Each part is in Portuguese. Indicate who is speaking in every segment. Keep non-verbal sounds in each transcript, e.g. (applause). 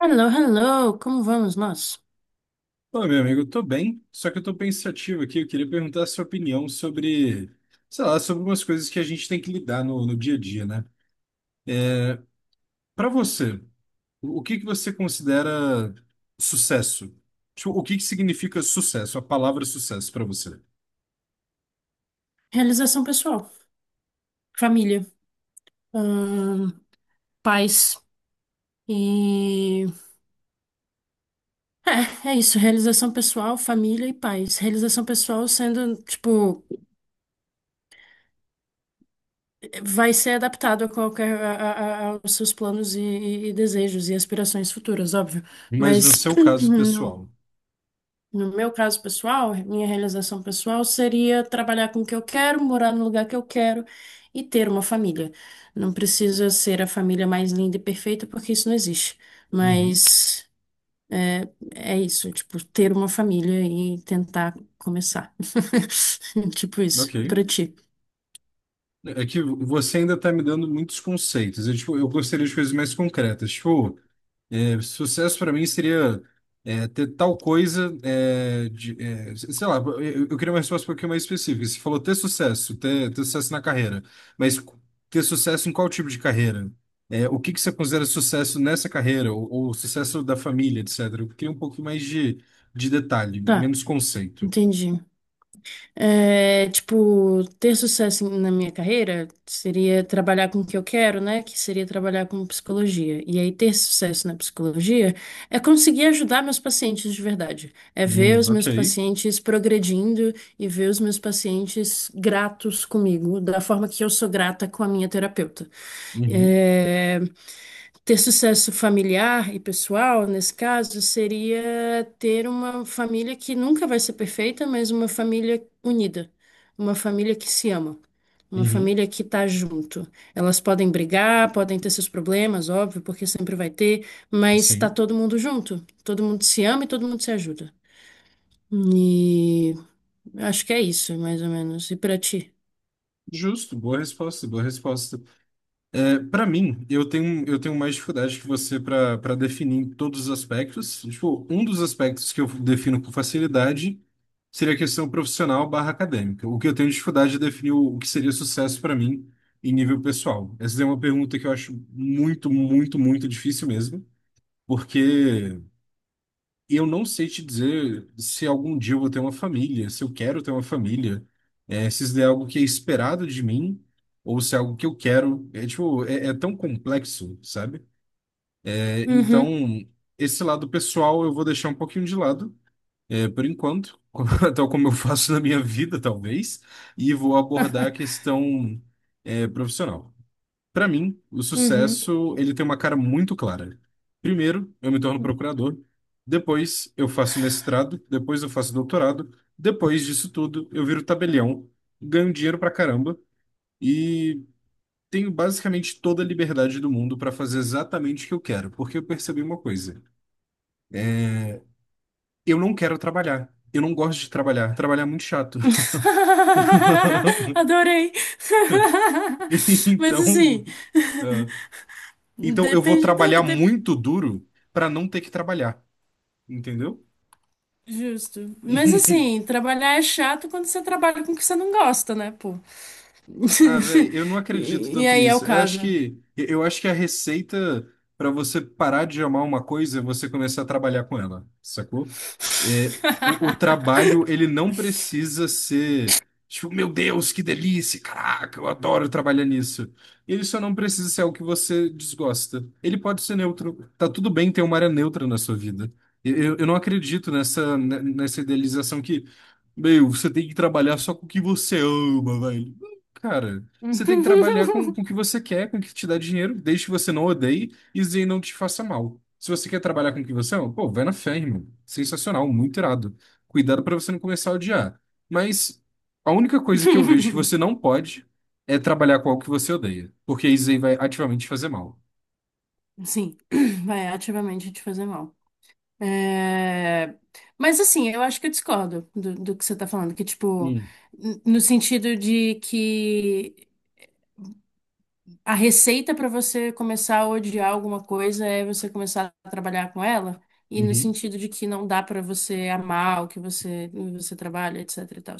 Speaker 1: Hello, hello, como vamos nós?
Speaker 2: Ô, meu amigo, eu tô bem, só que eu tô pensativo aqui. Eu queria perguntar a sua opinião sobre, sei lá, sobre algumas coisas que a gente tem que lidar no dia a dia, né? Pra você, o que que você considera sucesso? Tipo, o que que significa sucesso, a palavra sucesso pra você?
Speaker 1: Realização pessoal, família, ahn, paz e... É, é isso, realização pessoal, família e paz. Realização pessoal sendo, tipo, vai ser adaptado a qualquer, aos seus planos e desejos e aspirações futuras, óbvio.
Speaker 2: Mas
Speaker 1: Mas
Speaker 2: no seu
Speaker 1: (clears throat)
Speaker 2: caso
Speaker 1: não.
Speaker 2: pessoal.
Speaker 1: No meu caso pessoal, minha realização pessoal seria trabalhar com o que eu quero, morar no lugar que eu quero e ter uma família. Não precisa ser a família mais linda e perfeita, porque isso não existe.
Speaker 2: Uhum.
Speaker 1: Mas é, é isso, tipo, ter uma família e tentar começar. (laughs) Tipo isso.
Speaker 2: Ok.
Speaker 1: E pra ti?
Speaker 2: É que você ainda tá me dando muitos conceitos. Eu, tipo, eu gostaria de coisas mais concretas. Tipo, sucesso para mim seria ter tal coisa, sei lá, eu queria uma resposta um pouquinho mais específica. Você falou ter sucesso, ter sucesso na carreira, mas ter sucesso em qual tipo de carreira? O que que você considera sucesso nessa carreira, ou, sucesso da família, etc. Eu queria um pouco mais de detalhe,
Speaker 1: Tá,
Speaker 2: menos conceito.
Speaker 1: entendi. É, tipo, ter sucesso na minha carreira seria trabalhar com o que eu quero, né? Que seria trabalhar com psicologia. E aí, ter sucesso na psicologia é conseguir ajudar meus pacientes de verdade. É ver os
Speaker 2: Ok.
Speaker 1: meus pacientes progredindo e ver os meus pacientes gratos comigo, da forma que eu sou grata com a minha terapeuta.
Speaker 2: Uhum,
Speaker 1: É, ter sucesso familiar e pessoal, nesse caso, seria ter uma família que nunca vai ser perfeita, mas uma família unida, uma família que se ama, uma
Speaker 2: uhum.
Speaker 1: família que tá junto. Elas podem brigar, podem ter seus problemas, óbvio, porque sempre vai ter, mas tá
Speaker 2: Sim.
Speaker 1: todo mundo junto, todo mundo se ama e todo mundo se ajuda. E acho que é isso, mais ou menos. E pra ti?
Speaker 2: Justo, boa resposta, boa resposta. Para mim, eu tenho mais dificuldade que você para definir todos os aspectos. Tipo, um dos aspectos que eu defino com facilidade seria a questão profissional barra acadêmica. O que eu tenho dificuldade é definir o que seria sucesso para mim em nível pessoal. Essa é uma pergunta que eu acho muito, muito, muito difícil mesmo, porque eu não sei te dizer se algum dia eu vou ter uma família, se eu quero ter uma família, se isso é algo que é esperado de mim ou se é algo que eu quero. É tipo, é tão complexo, sabe? Então,
Speaker 1: Uhum,
Speaker 2: esse lado pessoal eu vou deixar um pouquinho de lado, por enquanto, (laughs) tal como eu faço na minha vida, talvez, e vou abordar a questão, profissional. Para mim, o
Speaker 1: (laughs)
Speaker 2: sucesso, ele tem uma cara muito clara. Primeiro, eu me torno
Speaker 1: uhum.
Speaker 2: procurador, depois eu faço mestrado, depois eu faço doutorado, depois disso tudo eu viro tabelião, ganho dinheiro pra caramba e tenho basicamente toda a liberdade do mundo para fazer exatamente o que eu quero, porque eu percebi uma coisa. Eu não quero trabalhar. Eu não gosto de trabalhar. Trabalhar é muito chato.
Speaker 1: (laughs)
Speaker 2: (laughs)
Speaker 1: Adorei. (laughs) Mas
Speaker 2: Então,
Speaker 1: assim,
Speaker 2: ah, então, eu vou
Speaker 1: depende da.
Speaker 2: trabalhar
Speaker 1: de-
Speaker 2: muito duro para não ter que trabalhar. Entendeu?
Speaker 1: Justo. Mas
Speaker 2: (laughs)
Speaker 1: assim, trabalhar é chato quando você trabalha com o que você não gosta, né, pô? (laughs)
Speaker 2: Ah, velho, eu não acredito
Speaker 1: E, e
Speaker 2: tanto
Speaker 1: aí é o
Speaker 2: nisso. Eu acho
Speaker 1: caso.
Speaker 2: que eu acho que a receita para você parar de amar uma coisa é você começar a trabalhar com ela, sacou? É, o trabalho,
Speaker 1: (laughs)
Speaker 2: ele não precisa ser, tipo, meu Deus, que delícia, caraca, eu adoro trabalhar nisso. Ele só não precisa ser algo que você desgosta. Ele pode ser neutro. Tá tudo bem ter uma área neutra na sua vida. Eu não acredito nessa idealização que, meu, você tem que trabalhar só com o que você ama, velho. Cara, você tem que trabalhar com o que você quer, com o que te dá dinheiro, desde que você não odeie e isso aí não te faça mal. Se você quer trabalhar com o que você ama, pô, vai na fé, irmão. Sensacional, muito irado. Cuidado pra você não começar a odiar. Mas a única coisa que eu vejo que você não pode é trabalhar com algo que você odeia, porque isso aí vai ativamente te fazer mal.
Speaker 1: Sim, (clears throat) vai ativamente te fazer mal. É, mas assim, eu acho que eu discordo do que você tá falando, que tipo,
Speaker 2: Hum,
Speaker 1: no sentido de que a receita para você começar a odiar alguma coisa é você começar a trabalhar com ela, e no
Speaker 2: uhum.
Speaker 1: sentido de que não dá para você amar o que você trabalha, etc e tal.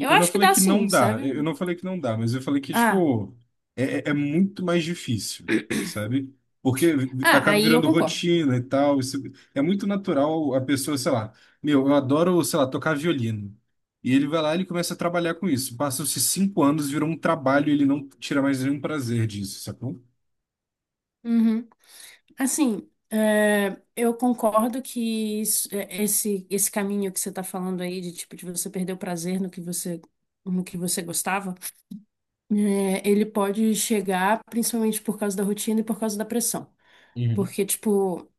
Speaker 1: Eu
Speaker 2: não
Speaker 1: acho que
Speaker 2: falei
Speaker 1: dá
Speaker 2: que não
Speaker 1: sim,
Speaker 2: dá,
Speaker 1: sabe?
Speaker 2: eu não falei que não dá, mas eu falei que,
Speaker 1: Ah,
Speaker 2: tipo, é muito mais difícil, sabe? Porque
Speaker 1: ah,
Speaker 2: acaba
Speaker 1: aí eu
Speaker 2: virando
Speaker 1: concordo.
Speaker 2: rotina e tal. É muito natural a pessoa, sei lá, meu, eu adoro, sei lá, tocar violino. E ele vai lá e ele começa a trabalhar com isso. Passam-se cinco anos, virou um trabalho e ele não tira mais nenhum prazer disso, sacou?
Speaker 1: Uhum. Assim, é, eu concordo que é, esse caminho que você está falando aí, de tipo, de você perder o prazer no que você, no que você gostava, é, ele pode chegar principalmente por causa da rotina e por causa da pressão.
Speaker 2: Uhum,
Speaker 1: Porque, tipo,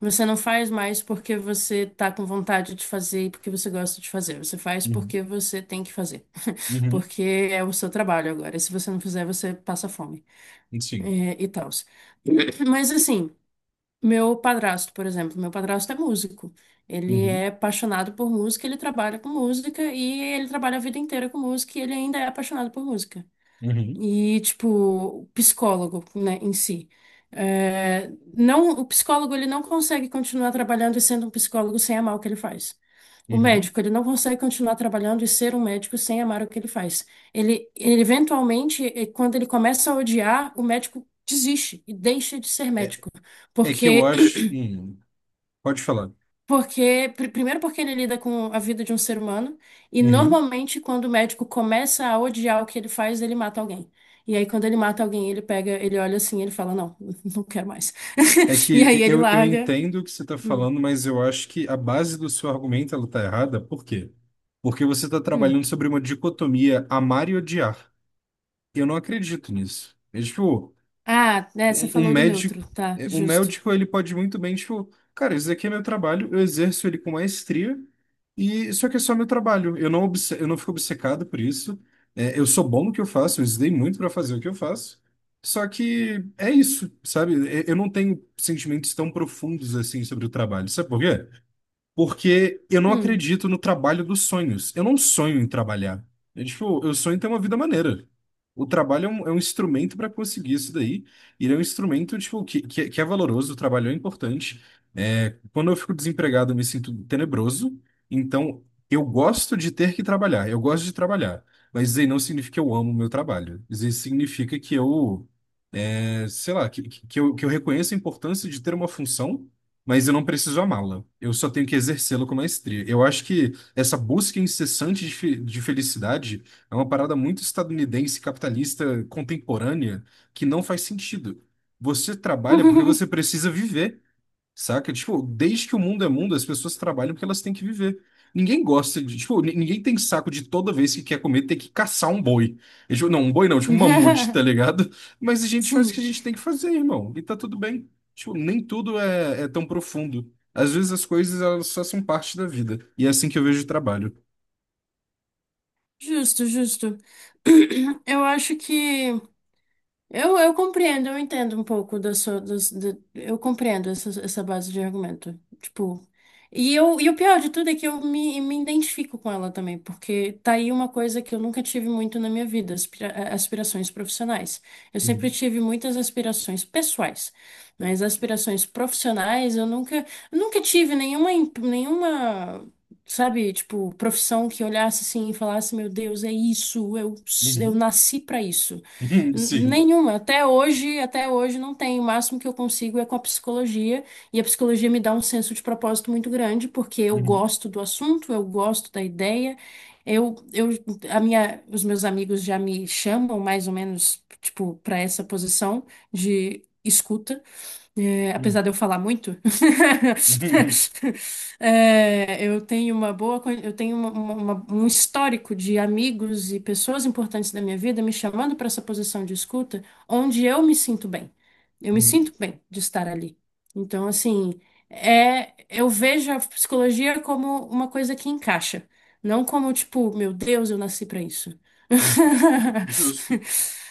Speaker 1: você não faz mais porque você tá com vontade de fazer e porque você gosta de fazer. Você faz
Speaker 2: uhum,
Speaker 1: porque você tem que fazer.
Speaker 2: uhum.
Speaker 1: Porque é o seu trabalho agora. E se você não fizer, você passa fome.
Speaker 2: Sim.
Speaker 1: É, e tal. (laughs) Mas assim, meu padrasto, por exemplo, meu padrasto é músico. Ele é
Speaker 2: Uhum,
Speaker 1: apaixonado por música, ele trabalha com música e ele trabalha a vida inteira com música e ele ainda é apaixonado por música
Speaker 2: uhum,
Speaker 1: e, tipo, o psicólogo, né, em si. É, não, o psicólogo, ele não consegue continuar trabalhando e sendo um psicólogo sem amar o que ele faz. O
Speaker 2: uhum.
Speaker 1: médico, ele não consegue continuar trabalhando e ser um médico sem amar o que ele faz. Ele eventualmente, quando ele começa a odiar, o médico desiste e deixa de ser
Speaker 2: É
Speaker 1: médico,
Speaker 2: é que eu
Speaker 1: porque
Speaker 2: acho. Pode falar.
Speaker 1: porque, primeiro porque ele lida com a vida de um ser humano, e
Speaker 2: Uhum.
Speaker 1: normalmente quando o médico começa a odiar o que ele faz, ele mata alguém. E aí quando ele mata alguém, ele pega, ele olha assim, ele fala, não, (laughs) não quero mais.
Speaker 2: É
Speaker 1: (laughs) E
Speaker 2: que
Speaker 1: aí ele
Speaker 2: eu
Speaker 1: larga.
Speaker 2: entendo o que você está
Speaker 1: Hum,
Speaker 2: falando, mas eu acho que a base do seu argumento ela está errada. Por quê? Porque você está
Speaker 1: hum.
Speaker 2: trabalhando sobre uma dicotomia amar e odiar. Eu não acredito nisso. Tipo,
Speaker 1: Ah, é, você
Speaker 2: um, um
Speaker 1: falou do neutro,
Speaker 2: médico,
Speaker 1: tá,
Speaker 2: é, um
Speaker 1: justo.
Speaker 2: médico, ele pode muito bem, tipo, cara, isso aqui é meu trabalho, eu exerço ele com maestria, e isso aqui é só meu trabalho. Eu não fico obcecado por isso. Eu sou bom no que eu faço, eu estudei muito para fazer o que eu faço. Só que é isso, sabe? Eu não tenho sentimentos tão profundos assim sobre o trabalho. Sabe por quê? Porque eu não
Speaker 1: Hum.
Speaker 2: acredito no trabalho dos sonhos. Eu não sonho em trabalhar. Tipo, eu sonho em ter uma vida maneira. O trabalho é um instrumento para conseguir isso daí. E ele é um instrumento, tipo, que é valoroso, o trabalho é importante. Quando eu fico desempregado, eu me sinto tenebroso. Então, eu gosto de ter que trabalhar. Eu gosto de trabalhar. Mas isso aí não significa que eu amo o meu trabalho. Isso aí significa que eu sei lá, que eu reconheço a importância de ter uma função, mas eu não preciso amá-la. Eu só tenho que exercê-la com maestria. Eu acho que essa busca incessante de felicidade é uma parada muito estadunidense, capitalista, contemporânea, que não faz sentido. Você trabalha porque você precisa viver. Saca? Tipo, desde que o mundo é mundo, as pessoas trabalham porque elas têm que viver. Ninguém gosta de, tipo, ninguém tem saco de toda vez que quer comer ter que caçar um boi. E, tipo, não, um boi não, tipo, um mamute, tá
Speaker 1: (laughs)
Speaker 2: ligado? (laughs) Mas a gente faz o que a
Speaker 1: Sim,
Speaker 2: gente tem que fazer, irmão. E tá tudo bem. Tipo, nem tudo é tão profundo. Às vezes as coisas, elas só são parte da vida. E é assim que eu vejo o trabalho.
Speaker 1: justo, justo. (clears throat) Eu acho que. Eu compreendo, eu entendo um pouco da sua, eu compreendo essa, essa base de argumento. Tipo, e eu, e o pior de tudo é que eu me identifico com ela também, porque tá aí uma coisa que eu nunca tive muito na minha vida, aspirações profissionais. Eu sempre
Speaker 2: Uhum,
Speaker 1: tive muitas aspirações pessoais, mas aspirações profissionais eu nunca tive nenhuma, nenhuma. Sabe, tipo, profissão que olhasse assim e falasse, meu Deus, é isso, eu
Speaker 2: uhum.
Speaker 1: nasci pra isso.
Speaker 2: (laughs) Sim.
Speaker 1: Nenhuma. Até hoje não tem. O máximo que eu consigo é com a psicologia, e a psicologia me dá um senso de propósito muito grande, porque eu
Speaker 2: Uhum,
Speaker 1: gosto do assunto, eu gosto da ideia. Eu, eu, a minha, os meus amigos já me chamam mais ou menos, tipo, para essa posição de escuta. É,
Speaker 2: uhum,
Speaker 1: apesar de eu falar muito,
Speaker 2: uhum,
Speaker 1: (laughs) é, eu tenho uma boa, eu tenho um histórico de amigos e pessoas importantes da minha vida me chamando para essa posição de escuta, onde eu me sinto bem. Eu me
Speaker 2: uhum,
Speaker 1: sinto bem de estar ali. Então, assim, é, eu vejo a psicologia como uma coisa que encaixa, não como tipo, meu Deus, eu nasci para isso.
Speaker 2: uhum. Justo.
Speaker 1: (laughs)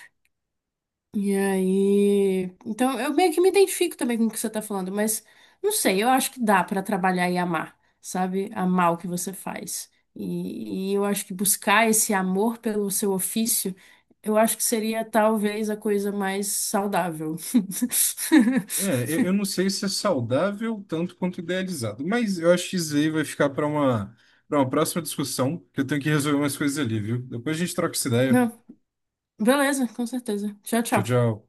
Speaker 1: E aí, então eu meio que me identifico também com o que você tá falando, mas não sei, eu acho que dá pra trabalhar e amar, sabe? Amar o que você faz. E eu acho que buscar esse amor pelo seu ofício, eu acho que seria talvez a coisa mais saudável.
Speaker 2: Eu não
Speaker 1: (laughs)
Speaker 2: sei se é saudável tanto quanto idealizado, mas eu acho que isso aí vai ficar para uma, próxima discussão, que eu tenho que resolver umas coisas ali, viu? Depois a gente troca essa ideia.
Speaker 1: Não, beleza, com certeza. Tchau,
Speaker 2: Tchau,
Speaker 1: tchau.
Speaker 2: tchau.